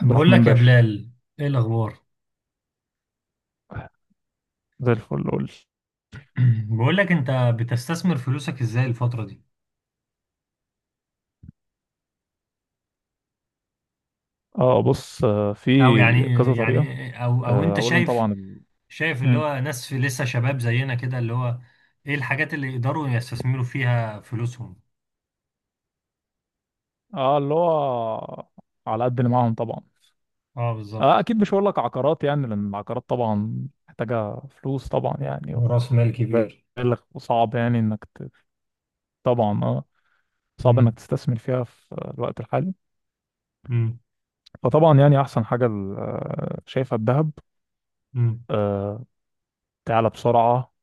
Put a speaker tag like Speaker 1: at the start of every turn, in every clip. Speaker 1: عبد
Speaker 2: بقول
Speaker 1: الرحمن
Speaker 2: لك يا
Speaker 1: باشا.
Speaker 2: بلال، ايه الاخبار؟
Speaker 1: زي الفل، قول.
Speaker 2: بقول لك انت بتستثمر فلوسك ازاي الفتره دي؟
Speaker 1: اه، بص، في
Speaker 2: او يعني
Speaker 1: كذا طريقة.
Speaker 2: يعني او انت
Speaker 1: أولهم
Speaker 2: شايف
Speaker 1: طبعا
Speaker 2: شايف اللي
Speaker 1: مم.
Speaker 2: هو ناس في لسه شباب زينا كده، اللي هو ايه الحاجات اللي يقدروا يستثمروا فيها فلوسهم؟
Speaker 1: اه، اللي هو على قد اللي معاهم طبعا.
Speaker 2: اه بالظبط.
Speaker 1: أكيد مش هقول لك عقارات، يعني لأن العقارات طبعا محتاجة فلوس طبعا يعني
Speaker 2: راس مال كبير.
Speaker 1: بالغ، وصعب يعني إنك طبعا. اه، صعب إنك
Speaker 2: امم.
Speaker 1: تستثمر فيها في الوقت الحالي.
Speaker 2: امم.
Speaker 1: فطبعا يعني أحسن حاجة شايفها الذهب.
Speaker 2: امم.
Speaker 1: آه، تعلى بسرعة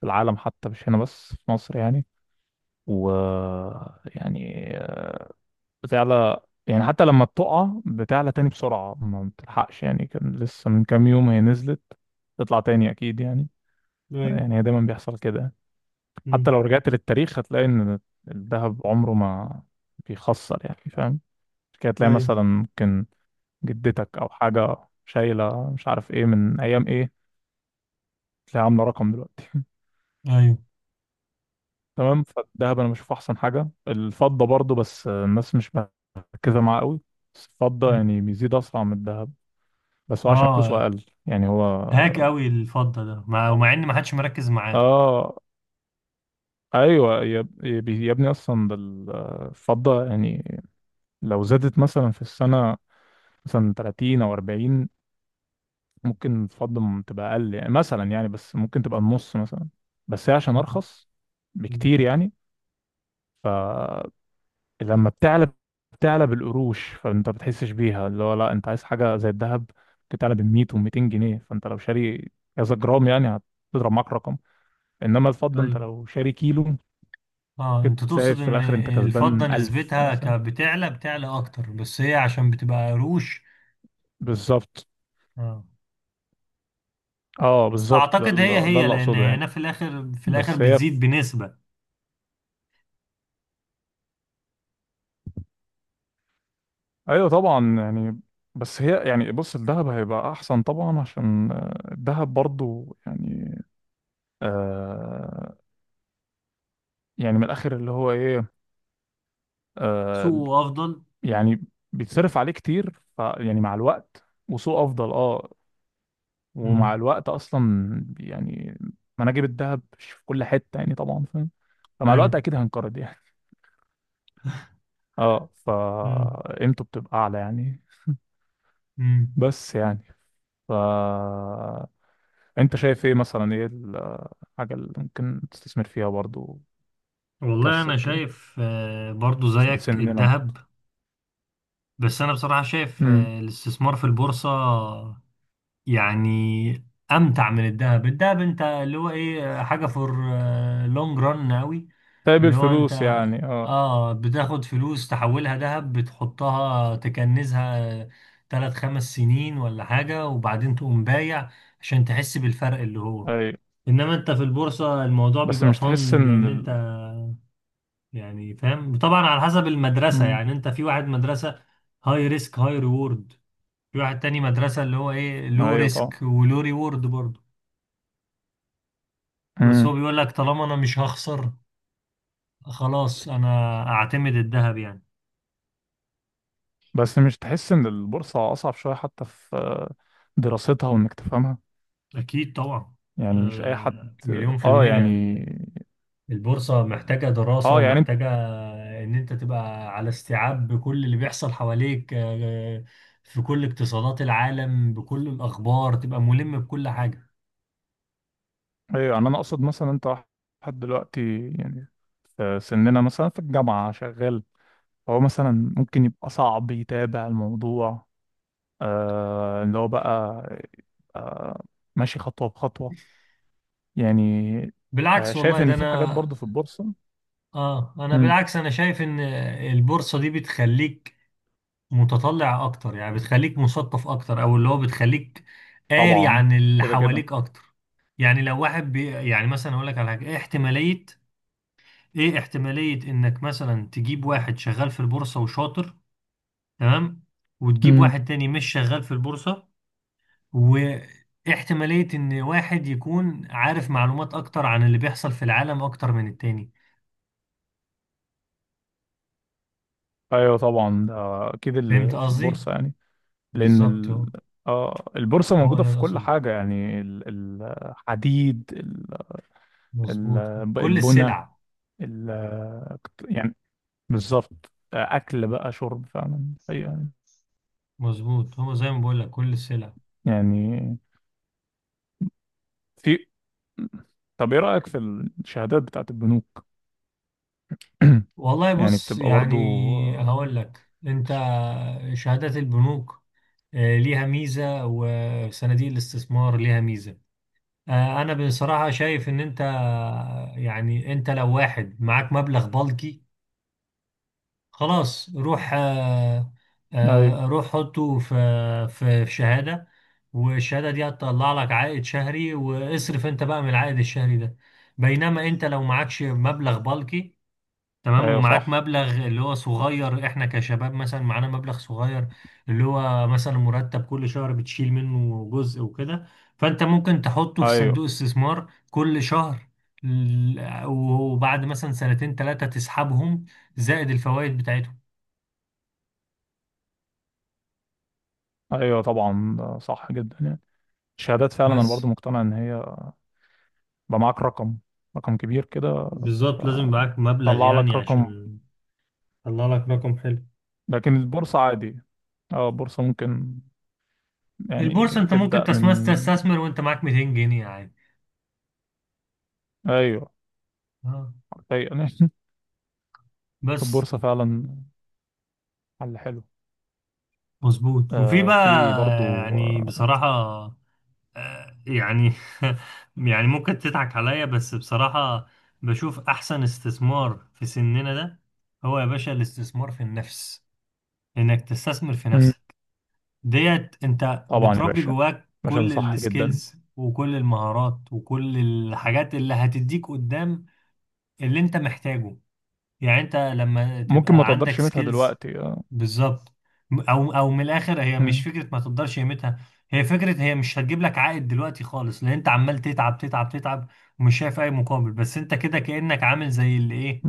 Speaker 1: في العالم، حتى مش هنا بس في مصر يعني، و يعني بتعلى. يعني حتى لما بتقع بتعلى تاني بسرعة، ما بتلحقش يعني. كان لسه من كام يوم هي نزلت، تطلع تاني أكيد يعني.
Speaker 2: ايوه.
Speaker 1: يعني هي دايما بيحصل كده. حتى
Speaker 2: امم.
Speaker 1: لو رجعت للتاريخ هتلاقي إن الذهب عمره ما بيخسر يعني، فاهم؟ كده تلاقي
Speaker 2: ايوه.
Speaker 1: مثلا ممكن جدتك أو حاجة شايلة، مش عارف إيه من أيام إيه، تلاقيها عاملة رقم دلوقتي.
Speaker 2: ايوه.
Speaker 1: تمام. فالذهب انا بشوفه احسن حاجه، الفضه برضو، بس الناس مش مركزه معاه قوي. بس الفضه
Speaker 2: مم.
Speaker 1: يعني بيزيد اسرع من الذهب، بس هو عشان فلوسه
Speaker 2: اه،
Speaker 1: اقل يعني هو.
Speaker 2: هاك قوي الفضه ده، مع ان ما حدش مركز معاه.
Speaker 1: اه، ايوه يا ابني، اصلا ده الفضه يعني، لو زادت مثلا في السنه مثلا 30 او 40، ممكن الفضه تبقى اقل يعني، مثلا يعني، بس ممكن تبقى النص مثلا. بس هي عشان
Speaker 2: مم.
Speaker 1: ارخص
Speaker 2: مم.
Speaker 1: بكتير يعني. لما بتعلى بتعلى بالقروش، فانت بتحسش بيها. اللي هو لا، انت عايز حاجه زي الذهب بتعلى ب 100 و200 جنيه، فانت لو شاري كذا جرام يعني هتضرب معاك رقم. انما الفضه انت
Speaker 2: ايوه.
Speaker 1: لو شاري كيلو
Speaker 2: اه
Speaker 1: كده،
Speaker 2: انت
Speaker 1: تلاقي
Speaker 2: تقصد
Speaker 1: في
Speaker 2: ان
Speaker 1: الاخر انت
Speaker 2: الفضة
Speaker 1: كسبان 1000
Speaker 2: نسبتها
Speaker 1: مثلا.
Speaker 2: بتعلى اكتر، بس هي عشان بتبقى قروش.
Speaker 1: بالظبط.
Speaker 2: اه،
Speaker 1: اه،
Speaker 2: بس
Speaker 1: بالظبط، ده
Speaker 2: اعتقد هي
Speaker 1: اللي ده
Speaker 2: هي
Speaker 1: اللي
Speaker 2: لان
Speaker 1: اقصده يعني.
Speaker 2: هنا في الاخر
Speaker 1: بس هي
Speaker 2: بتزيد
Speaker 1: في...
Speaker 2: بنسبة.
Speaker 1: ايوه طبعا يعني. بس هي يعني، بص، الذهب هيبقى احسن طبعا، عشان الذهب برضو يعني. آه يعني من الاخر اللي هو ايه. آه،
Speaker 2: سوقه افضل.
Speaker 1: يعني بيتصرف عليه كتير، ف يعني مع الوقت، وسوق افضل. اه، ومع
Speaker 2: امم.
Speaker 1: الوقت اصلا يعني مناجم الذهب مش في كل حته يعني، طبعا فاهم. فمع
Speaker 2: ايوه.
Speaker 1: الوقت اكيد هنقرض يعني. اه،
Speaker 2: امم.
Speaker 1: فقيمته بتبقى اعلى يعني.
Speaker 2: امم.
Speaker 1: بس يعني، ف انت شايف ايه مثلا، ايه الحاجه اللي ممكن تستثمر فيها برضو
Speaker 2: والله
Speaker 1: تكسب
Speaker 2: انا
Speaker 1: كده،
Speaker 2: شايف برضو زيك
Speaker 1: سننا برضو؟
Speaker 2: الذهب. بس انا بصراحة شايف
Speaker 1: امم
Speaker 2: الاستثمار في البورصة يعني امتع من الذهب. الذهب انت اللي هو ايه، حاجه فور لونج ران قوي.
Speaker 1: طيب،
Speaker 2: اللي هو
Speaker 1: الفلوس
Speaker 2: انت
Speaker 1: يعني، اه،
Speaker 2: اه بتاخد فلوس تحولها ذهب، بتحطها تكنزها ثلاث خمس سنين ولا حاجه، وبعدين تقوم بايع عشان تحس بالفرق اللي هو.
Speaker 1: ايوه.
Speaker 2: انما انت في البورصه الموضوع
Speaker 1: بس
Speaker 2: بيبقى
Speaker 1: مش تحس
Speaker 2: فن،
Speaker 1: ان
Speaker 2: لان انت يعني فاهم طبعا، على حسب المدرسه.
Speaker 1: مم.
Speaker 2: يعني انت في واحد مدرسه هاي ريسك هاي ريورد، في واحد تاني مدرسة اللي هو ايه، لو
Speaker 1: ايوه طبعا.
Speaker 2: ريسك ولو ريورد برضه، بس هو
Speaker 1: مم.
Speaker 2: بيقول لك طالما انا مش هخسر، خلاص انا اعتمد الذهب يعني.
Speaker 1: بس مش تحس ان البورصة اصعب شوية، حتى في دراستها وانك تفهمها
Speaker 2: اكيد طبعا،
Speaker 1: يعني، مش اي حد؟
Speaker 2: مليون في
Speaker 1: اه
Speaker 2: المية.
Speaker 1: يعني،
Speaker 2: البورصة محتاجة دراسة
Speaker 1: اه يعني انت،
Speaker 2: ومحتاجة ان انت تبقى على استيعاب بكل اللي بيحصل حواليك، في كل اقتصادات العالم، بكل الاخبار تبقى ملم بكل حاجة.
Speaker 1: ايوه، يعني انا اقصد مثلا انت واحد دلوقتي يعني، في سننا مثلا في الجامعة شغال، هو مثلا ممكن يبقى صعب يتابع الموضوع. آه اللي هو بقى آه ماشي، خطوة بخطوة يعني.
Speaker 2: بالعكس والله،
Speaker 1: شايف
Speaker 2: ده
Speaker 1: ان في حاجات
Speaker 2: انا
Speaker 1: برضو في البورصة.
Speaker 2: اه، انا
Speaker 1: مم.
Speaker 2: بالعكس، انا شايف ان البورصة دي بتخليك متطلع اكتر، يعني بتخليك مثقف اكتر، او اللي هو بتخليك قاري
Speaker 1: طبعا،
Speaker 2: عن اللي
Speaker 1: كده كده.
Speaker 2: حواليك اكتر. يعني لو واحد يعني مثلا اقول لك على حاجه، ايه احتماليه، ايه احتماليه انك مثلا تجيب واحد شغال في البورصه وشاطر، تمام، وتجيب واحد تاني مش شغال في البورصه، واحتماليه ان واحد يكون عارف معلومات اكتر عن اللي بيحصل في العالم اكتر من التاني؟
Speaker 1: ايوه طبعا ده، اكيد
Speaker 2: فهمت
Speaker 1: اللي في
Speaker 2: قصدي؟
Speaker 1: البورصه يعني. لان
Speaker 2: بالظبط، هو
Speaker 1: آه، البورصه
Speaker 2: هو
Speaker 1: موجوده
Speaker 2: ده
Speaker 1: في
Speaker 2: اللي
Speaker 1: كل
Speaker 2: اقصده.
Speaker 1: حاجه يعني، الحديد، ال-
Speaker 2: مظبوط، كل
Speaker 1: البنى،
Speaker 2: السلع.
Speaker 1: ال... يعني، بالظبط، اكل بقى، شرب فعلا. أيوة.
Speaker 2: مظبوط، هو زي ما بقول لك كل السلع.
Speaker 1: يعني في، طب ايه رايك في الشهادات بتاعت البنوك؟
Speaker 2: والله
Speaker 1: يعني
Speaker 2: بص،
Speaker 1: بتبقى
Speaker 2: يعني
Speaker 1: برضو آه،
Speaker 2: هقول لك انت، شهادات البنوك ليها ميزة، وصناديق الاستثمار ليها ميزة. انا بصراحة شايف ان انت يعني، انت لو واحد معاك مبلغ بلكي، خلاص روح،
Speaker 1: ايوه.
Speaker 2: روح حطه في في شهادة، والشهادة دي هتطلع لك عائد شهري، واصرف انت بقى من العائد الشهري ده. بينما انت لو معكش مبلغ بلكي، تمام،
Speaker 1: ايوه
Speaker 2: ومعاك
Speaker 1: صح.
Speaker 2: مبلغ اللي هو صغير، احنا كشباب مثلا معانا مبلغ صغير، اللي هو مثلا مرتب كل شهر بتشيل منه جزء وكده، فانت ممكن تحطه في
Speaker 1: ايوه.
Speaker 2: صندوق استثمار كل شهر، وبعد مثلا سنتين ثلاثة تسحبهم زائد الفوائد بتاعتهم.
Speaker 1: ايوه طبعا، ده صح جدا يعني، الشهادات فعلا انا
Speaker 2: بس
Speaker 1: برضو مقتنع ان هي بقى معاك رقم، رقم كبير كده،
Speaker 2: بالظبط، لازم معاك مبلغ
Speaker 1: طلع
Speaker 2: يعني
Speaker 1: لك رقم.
Speaker 2: عشان طلع لك رقم حلو.
Speaker 1: لكن البورصة عادي. اه، البورصة ممكن
Speaker 2: البورصة
Speaker 1: يعني
Speaker 2: انت ممكن
Speaker 1: تبدأ من
Speaker 2: تستثمر وانت معاك 200 جنيه عادي.
Speaker 1: ايوه،
Speaker 2: اه،
Speaker 1: حرفيا.
Speaker 2: بس
Speaker 1: البورصة فعلا حل حلو.
Speaker 2: مظبوط، وفي بقى
Speaker 1: في برضو
Speaker 2: يعني بصراحة، يعني يعني ممكن تضحك عليا، بس بصراحة بشوف أحسن استثمار في سننا ده هو يا باشا الاستثمار في النفس، إنك تستثمر في
Speaker 1: مم.
Speaker 2: نفسك. ديت أنت
Speaker 1: طبعا يا
Speaker 2: بتربي
Speaker 1: باشا، يا
Speaker 2: جواك
Speaker 1: باشا، ده
Speaker 2: كل
Speaker 1: صح جدا.
Speaker 2: السكيلز وكل المهارات وكل الحاجات اللي هتديك قدام، اللي أنت محتاجه. يعني انت لما
Speaker 1: ممكن ما
Speaker 2: تبقى عندك
Speaker 1: تقدرش قيمتها
Speaker 2: سكيلز،
Speaker 1: دلوقتي آه.
Speaker 2: بالظبط، او من الاخر، هي مش
Speaker 1: مم.
Speaker 2: فكره ما تقدرش قيمتها. هي فكره، هي مش هتجيب لك عائد دلوقتي خالص، لان انت عمال تتعب تتعب تتعب ومش شايف اي مقابل، بس انت كده كانك عامل زي اللي ايه،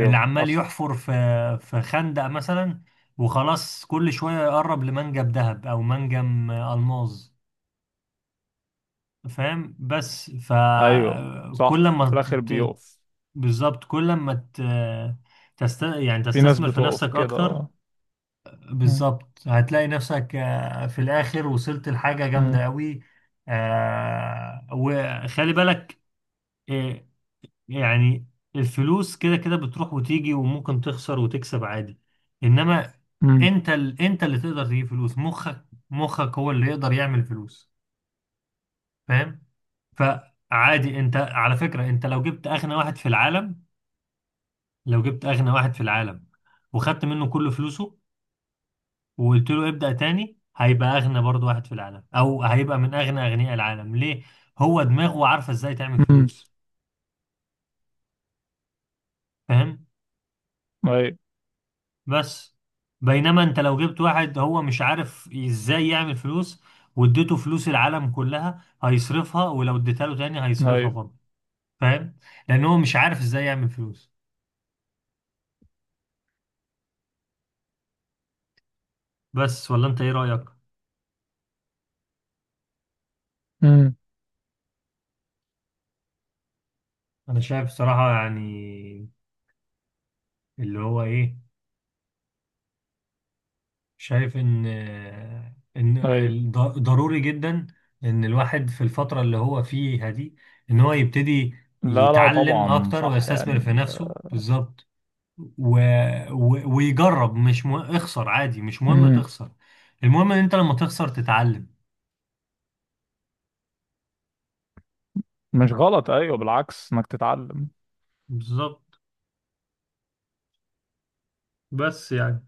Speaker 2: اللي عمال
Speaker 1: حصل.
Speaker 2: يحفر في خندق مثلا، وخلاص كل شويه يقرب لمنجم ذهب او منجم الماظ. فاهم؟ بس
Speaker 1: ايوه صح،
Speaker 2: فكل
Speaker 1: في
Speaker 2: ما،
Speaker 1: الاخر بيقف.
Speaker 2: بالظبط، كل ما يعني
Speaker 1: في ناس
Speaker 2: تستثمر في
Speaker 1: بتقف
Speaker 2: نفسك
Speaker 1: كده
Speaker 2: اكتر،
Speaker 1: آه. مم.
Speaker 2: بالظبط هتلاقي نفسك في الاخر وصلت لحاجة
Speaker 1: مم.
Speaker 2: جامدة قوي. وخلي بالك، آه، يعني الفلوس كده كده بتروح وتيجي، وممكن تخسر وتكسب عادي. انما
Speaker 1: مم.
Speaker 2: انت انت اللي تقدر تجيب فلوس، مخك هو اللي يقدر يعمل فلوس. فاهم؟ فعادي، انت على فكرة، انت لو جبت أغنى واحد في العالم وخدت منه كل فلوسه وقلت له ابدأ تاني، هيبقى أغنى برضه واحد في العالم، أو هيبقى من أغنى أغنياء العالم. ليه؟ هو دماغه عارفة إزاي تعمل
Speaker 1: مم.
Speaker 2: فلوس. فاهم؟
Speaker 1: ايوه.
Speaker 2: بس بينما أنت لو جبت واحد هو مش عارف إزاي يعمل فلوس، واديته فلوس العالم كلها هيصرفها، ولو اديتها له تاني هيصرفها
Speaker 1: ايوه.
Speaker 2: برضه. فاهم؟ لأن هو مش عارف إزاي يعمل فلوس بس. ولا أنت إيه رأيك؟
Speaker 1: مم.
Speaker 2: أنا شايف صراحة يعني اللي هو إيه، شايف ان
Speaker 1: ايوه.
Speaker 2: ضروري جدا ان الواحد في الفترة اللي هو فيها دي، ان هو يبتدي
Speaker 1: لا لا،
Speaker 2: يتعلم
Speaker 1: طبعا
Speaker 2: اكتر
Speaker 1: صح يعني
Speaker 2: ويستثمر في نفسه. بالظبط، و... ويجرب، مش مهم اخسر عادي، مش مهم
Speaker 1: مم.
Speaker 2: تخسر، المهم ان انت لما تخسر تتعلم.
Speaker 1: مش غلط، ايوه بالعكس، انك تتعلم.
Speaker 2: بالظبط، بس يعني،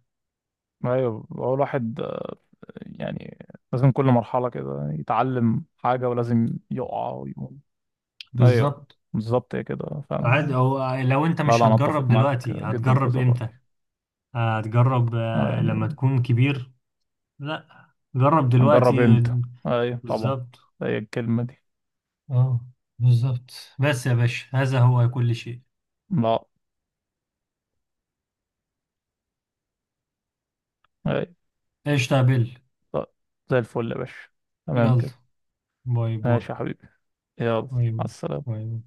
Speaker 1: ايوه، هو الواحد يعني لازم كل مرحله كده يتعلم حاجه، ولازم يقع ويقوم. ايوه.
Speaker 2: بالظبط.
Speaker 1: بالظبط، هي كده فعلا.
Speaker 2: عادي، او لو انت
Speaker 1: لا
Speaker 2: مش
Speaker 1: لا، انا
Speaker 2: هتجرب
Speaker 1: اتفق معاك
Speaker 2: دلوقتي
Speaker 1: جدا في
Speaker 2: هتجرب
Speaker 1: هذا الراي.
Speaker 2: امتى؟ هتجرب لما
Speaker 1: يعني
Speaker 2: تكون كبير؟ لا، جرب
Speaker 1: هنجرب
Speaker 2: دلوقتي.
Speaker 1: امتى؟ ايوه طبعا.
Speaker 2: بالظبط.
Speaker 1: هي الكلمه دي.
Speaker 2: اه بالظبط. بس يا باشا، هذا هو كل شيء.
Speaker 1: لا. ايوه.
Speaker 2: ايش تقبل.
Speaker 1: طيب، زي الفل يا باشا.
Speaker 2: يلا،
Speaker 1: تمام كده.
Speaker 2: باي باي،
Speaker 1: ماشي يا حبيبي. يلا،
Speaker 2: باي
Speaker 1: على
Speaker 2: باي،
Speaker 1: السلامه.
Speaker 2: باي.